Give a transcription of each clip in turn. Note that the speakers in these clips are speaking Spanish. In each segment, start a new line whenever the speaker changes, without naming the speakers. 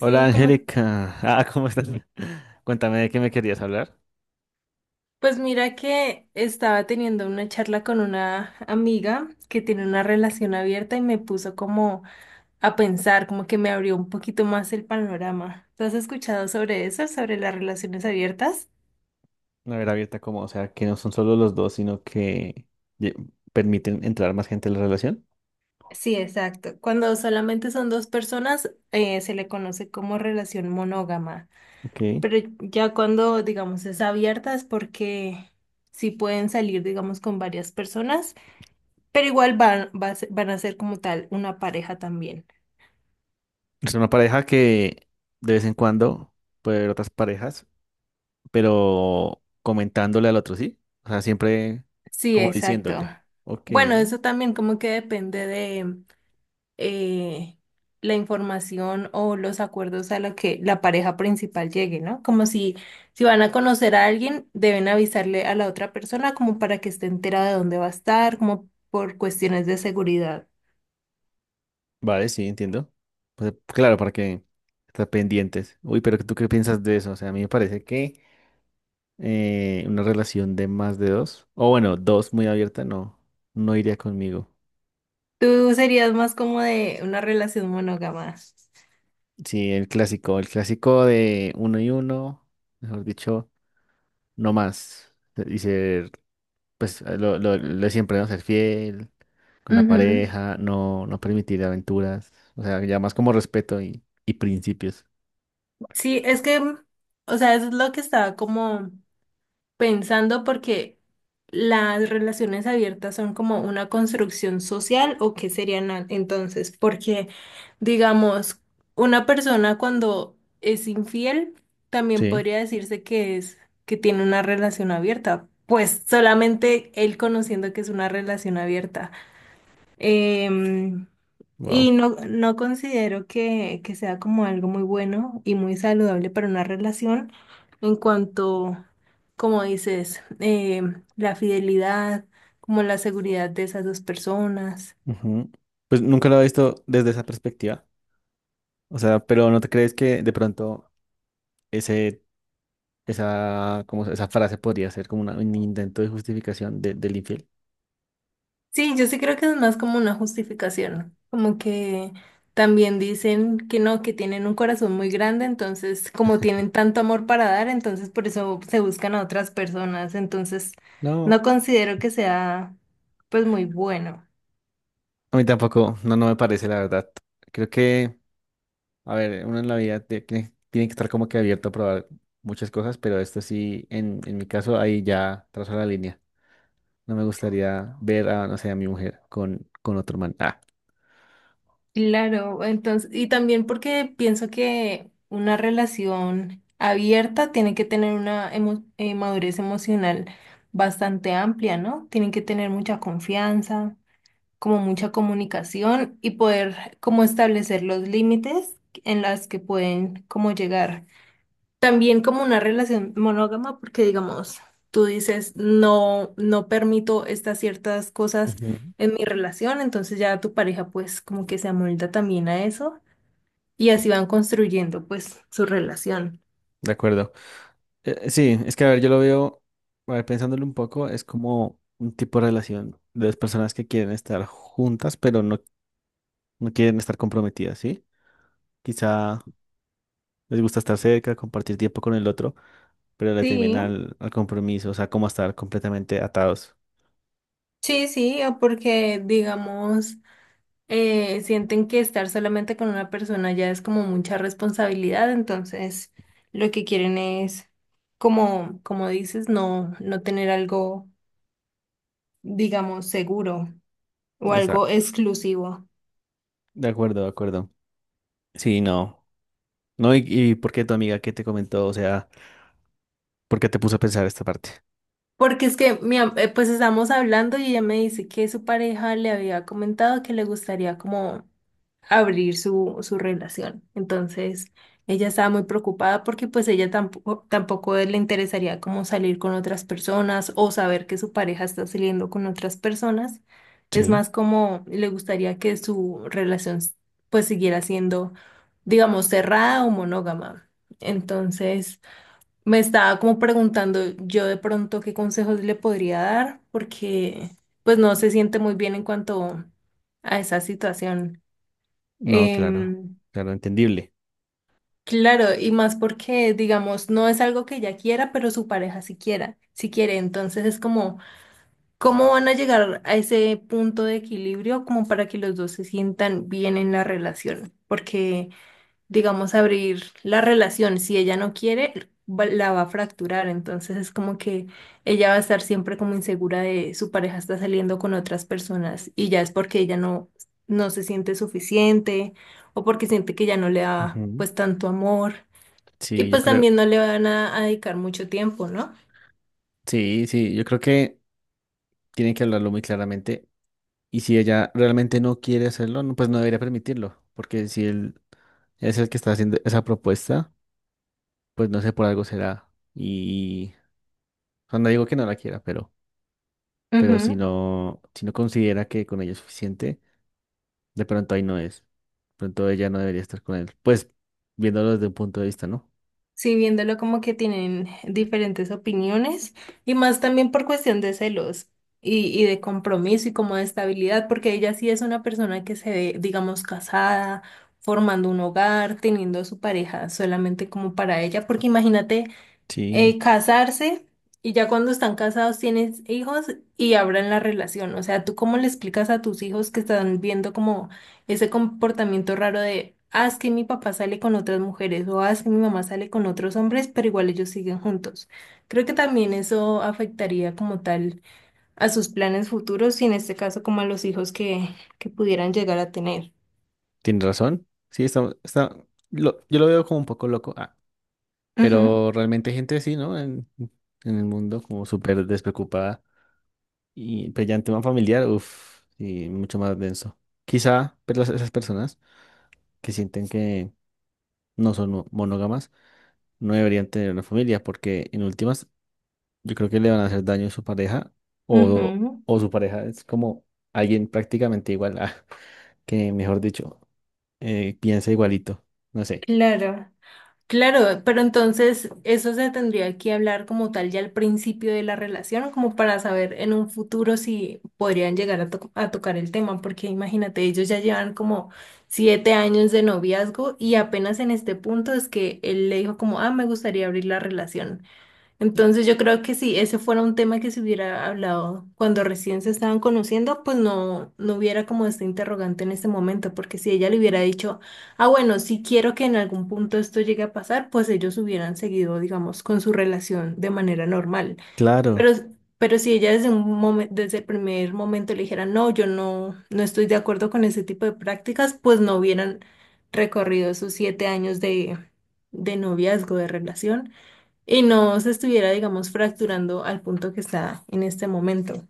Hola
como,
Angélica, ¿cómo estás? Cuéntame de qué me querías hablar.
pues mira que estaba teniendo una charla con una amiga que tiene una relación abierta y me puso como a pensar, como que me abrió un poquito más el panorama. ¿Tú has escuchado sobre eso, sobre las relaciones abiertas?
Una ver abierta como, o sea, que no son solo los dos, sino que ye- permiten entrar más gente en la relación.
Sí, exacto. Cuando solamente son dos personas, se le conoce como relación monógama.
Ok.
Pero ya cuando, digamos, es abierta es porque sí pueden salir, digamos, con varias personas. Pero igual van a ser como tal una pareja también.
Es una pareja que de vez en cuando puede haber otras parejas, pero comentándole al otro, ¿sí? O sea, siempre
Sí,
como
exacto.
diciéndole. Ok,
Bueno, eso también como que depende de eh, la información o los acuerdos a los que la pareja principal llegue, ¿no? Como si van a conocer a alguien, deben avisarle a la otra persona como para que esté enterada de dónde va a estar, como por cuestiones de seguridad.
vale, sí, entiendo. Pues, claro, para que estar pendientes. Uy, pero ¿tú qué piensas de eso? O sea, a mí me parece que... una relación de más de dos, o bueno, dos muy abierta, no, no iría conmigo.
Tú serías más como de una relación monógama.
Sí, el clásico de uno y uno, mejor dicho, no más. Y ser, pues, lo de siempre, ¿no? Ser fiel con la
Ujú.
pareja, no, no permitir aventuras, o sea, ya más como respeto y principios.
Sí, es que, o sea, eso es lo que estaba como pensando porque las relaciones abiertas son como una construcción social o qué serían entonces, porque digamos, una persona cuando es infiel también
Sí,
podría decirse que es que tiene una relación abierta, pues solamente él conociendo que es una relación abierta. Em, y
wow.
no, no considero que sea como algo muy bueno y muy saludable para una relación en cuanto, como dices, la fidelidad, como la seguridad de esas dos personas.
Ujú. Pues nunca lo he visto desde esa perspectiva. O sea, pero ¿no te crees que de pronto ese esa, como esa frase podría ser como una- un intento de justificación de- del infiel.
Sí, yo sí creo que es más como una justificación, como que también dicen que no, que tienen un corazón muy grande, entonces como tienen tanto amor para dar, entonces por eso se buscan a otras personas, entonces
No,
no considero que sea pues muy bueno.
a mí tampoco, no, no me parece la verdad. Creo que, a ver, uno en la vida tiene, tiene que estar como que abierto a probar muchas cosas, pero esto sí, en mi caso, ahí ya trazo la línea. No me gustaría ver a, no sé, a mi mujer con otro man.
Claro, entonces, y también porque pienso que una relación abierta tiene que tener una madurez emocional bastante amplia, ¿no? Tienen que tener mucha confianza, como mucha comunicación y poder como establecer los límites en las que pueden como llegar. También como una relación monógama, porque digamos, tú dices, no, no permito estas ciertas cosas
Ujú,
en mi relación, entonces ya tu pareja pues como que se amolda también a eso y así van construyendo pues su relación.
de acuerdo. Sí, es que, a ver, yo lo veo, a ver, pensándolo un poco, es como un tipo de relación de dos personas que quieren estar juntas, pero no no quieren estar comprometidas, ¿sí? Quizá les gusta estar cerca, compartir tiempo con el otro, pero le temen
Sí,
al, al compromiso, o sea, como a estar completamente atados.
sí, sí, o porque digamos, sienten que estar solamente con una persona ya es como mucha responsabilidad, entonces lo que quieren es, como dices, no, no tener algo, digamos, seguro. O
Está,
algo exclusivo.
de acuerdo, de acuerdo. Sí, no. No, y ¿por qué tu amiga que te comentó? O sea, ¿por qué te puso a pensar esta parte?
Porque es que, pues estamos hablando y ella me dice que su pareja le había comentado que le gustaría como abrir su relación. Entonces, ella estaba muy preocupada porque pues ella tampoco le interesaría como salir con otras personas o saber que su pareja está saliendo con otras personas. Es
Sí,
más como le gustaría que su relación pues siguiera siendo, digamos, cerrada o monógama. Entonces, me estaba como preguntando yo de pronto qué consejos le podría dar, porque pues no se siente muy bien en cuanto a esa situación.
no, claro,
Em,
claro, entendible.
claro, y más porque, digamos, no es algo que ella quiera, pero su pareja sí quiera, sí quiere. Entonces es como, ¿cómo van a llegar a ese punto de equilibrio como para que los dos se sientan bien en la relación? Porque digamos, abrir la relación. Si ella no quiere, la va a fracturar. Entonces es como que ella va a estar siempre como insegura de su pareja está saliendo con otras personas y ya es porque ella no, no se siente suficiente o porque siente que ya no le da
Ujú.
pues tanto amor y
Sí, yo
pues
creo,
también no le van a dedicar mucho tiempo, ¿no?
sí, sí, yo creo que tienen que hablarlo muy claramente. Y si ella realmente no quiere hacerlo, no, pues no debería permitirlo, porque si él es el que está haciendo esa propuesta, pues no sé, por algo será. Y, o sea, no digo que no la quiera, pero si
Ujú.
no, si no considera que con ella es suficiente, de pronto ahí no es. De pronto ella no debería estar con él. Pues viéndolo desde un punto de vista, ¿no?
Sí, viéndolo como que tienen diferentes opiniones y más también por cuestión de celos y de compromiso y como de estabilidad, porque ella sí es una persona que se ve, digamos, casada, formando un hogar, teniendo a su pareja solamente como para ella, porque imagínate
Sí,
casarse y ya cuando están casados tienes hijos y abran la relación. O sea, ¿tú cómo le explicas a tus hijos que están viendo como ese comportamiento raro de, ah, es que mi papá sale con otras mujeres o ah, es que mi mamá sale con otros hombres, pero igual ellos siguen juntos? Creo que también eso afectaría como tal a sus planes futuros y en este caso como a los hijos que pudieran llegar a tener.
tiene razón. Sí, está, está, yo lo veo como un poco loco.
Ujú,
Pero realmente hay gente así, ¿no? En el mundo, como súper despreocupada. Y, pero ya en tema familiar, uff, y mucho más denso. Quizá, pero esas personas que sienten que no son monógamas no deberían tener una familia porque en últimas yo creo que le van a hacer daño a su pareja o,
ujú,
o su pareja es como alguien prácticamente igual a, que mejor dicho, piensa igualito, no sé.
claro. Claro, pero entonces eso se tendría que hablar como tal ya al principio de la relación, como para saber en un futuro si podrían llegar a tocar el tema, porque imagínate, ellos ya llevan como 7 años de noviazgo y apenas en este punto es que él le dijo como, ah, me gustaría abrir la relación. Entonces yo creo que si ese fuera un tema que se hubiera hablado cuando recién se estaban conociendo, pues no, no hubiera como este interrogante en este momento, porque si ella le hubiera dicho, ah, bueno, si quiero que en algún punto esto llegue a pasar, pues ellos hubieran seguido, digamos, con su relación de manera normal.
Claro,
Pero, pero, si ella desde desde el primer momento le dijera, no, yo no, no estoy de acuerdo con ese tipo de prácticas, pues no hubieran recorrido esos 7 años de noviazgo, de relación y no se estuviera, digamos, fracturando al punto que está en este momento.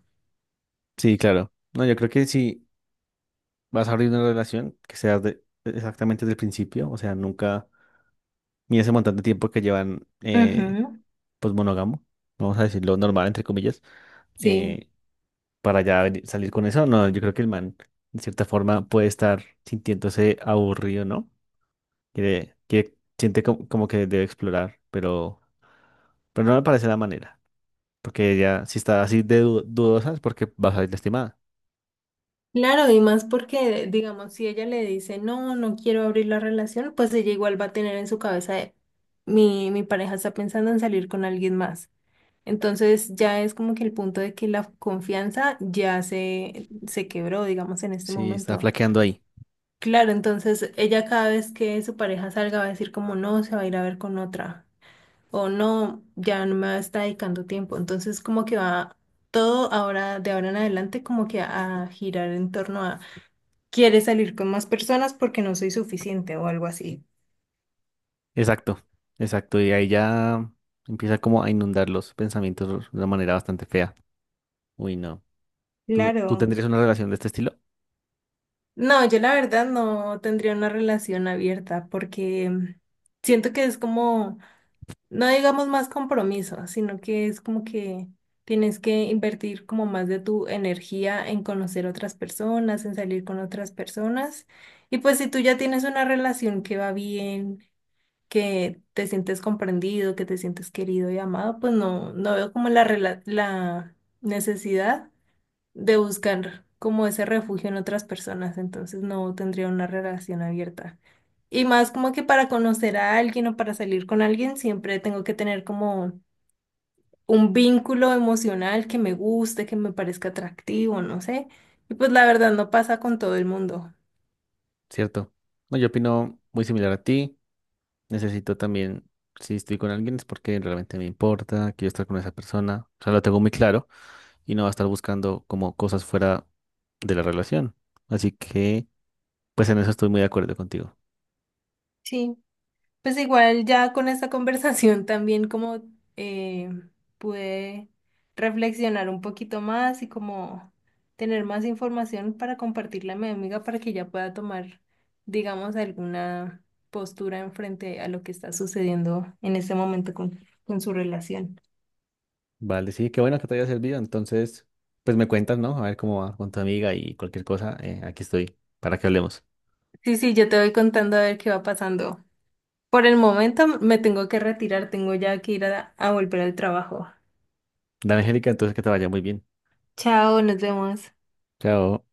sí, claro. No, yo creo que si vas a abrir una relación que sea exactamente desde el principio, o sea, nunca ni ese montón de tiempo que llevan
Ujú.
pues monógamo, vamos a decirlo normal entre comillas.
Sí.
eh, para ya salir con eso. No, yo creo que el man, de cierta forma, puede estar sintiéndose aburrido, ¿no? Quiere, quiere, siente como, como que debe explorar, pero no me parece la manera. Porque ella, si está así de dudosa, es porque va a salir lastimada.
Claro, y más porque, digamos, si ella le dice, no, no quiero abrir la relación, pues ella igual va a tener en su cabeza, de, mi pareja está pensando en salir con alguien más. Entonces ya es como que el punto de que la confianza ya se quebró, digamos, en este
Sí, está
momento.
flaqueando ahí.
Claro, entonces ella cada vez que su pareja salga va a decir como, no, se va a ir a ver con otra. O no, ya no me está dedicando tiempo. Entonces como que va todo ahora, de ahora en adelante, como que a girar en torno a, ¿quieres salir con más personas porque no soy suficiente o algo así?
Exacto, exacto. Y ahí ya empieza como a inundar los pensamientos de una manera bastante fea. Uy, no. ¿Tú, tú
Claro.
tendrías una relación de este estilo?
No, yo la verdad no tendría una relación abierta porque siento que es como, no digamos más compromiso, sino que es como que tienes que invertir como más de tu energía en conocer otras personas, en salir con otras personas. Y pues si tú ya tienes una relación que va bien, que te sientes comprendido, que te sientes querido y amado, pues no, no veo como la necesidad de buscar como ese refugio en otras personas, entonces no tendría una relación abierta. Y más como que para conocer a alguien o para salir con alguien, siempre tengo que tener como un vínculo emocional que me guste, que me parezca atractivo, no sé. Y pues la verdad no pasa con todo el mundo.
¿Cierto? No, yo opino muy similar a ti. Necesito también, si estoy con alguien es porque realmente me importa, quiero estar con esa persona. O sea, lo tengo muy claro y no va a estar buscando como cosas fuera de la relación. Así que, pues en eso estoy muy de acuerdo contigo.
Sí. Pues igual ya con esta conversación también como eh, pude reflexionar un poquito más y como tener más información para compartirla a mi amiga para que ella pueda tomar, digamos, alguna postura en frente a lo que está sucediendo en este momento con su relación.
Vale, sí, qué bueno que te haya servido. Entonces, pues me cuentas, ¿no? A ver cómo va con tu amiga y cualquier cosa. Aquí estoy para que hablemos.
Sí, sí, yo te voy contando a ver qué va pasando. Por el momento me tengo que retirar, tengo ya que ir a volver al trabajo.
Dale, Angélica, entonces que te vaya muy bien.
Chao, nos vemos.
Chao.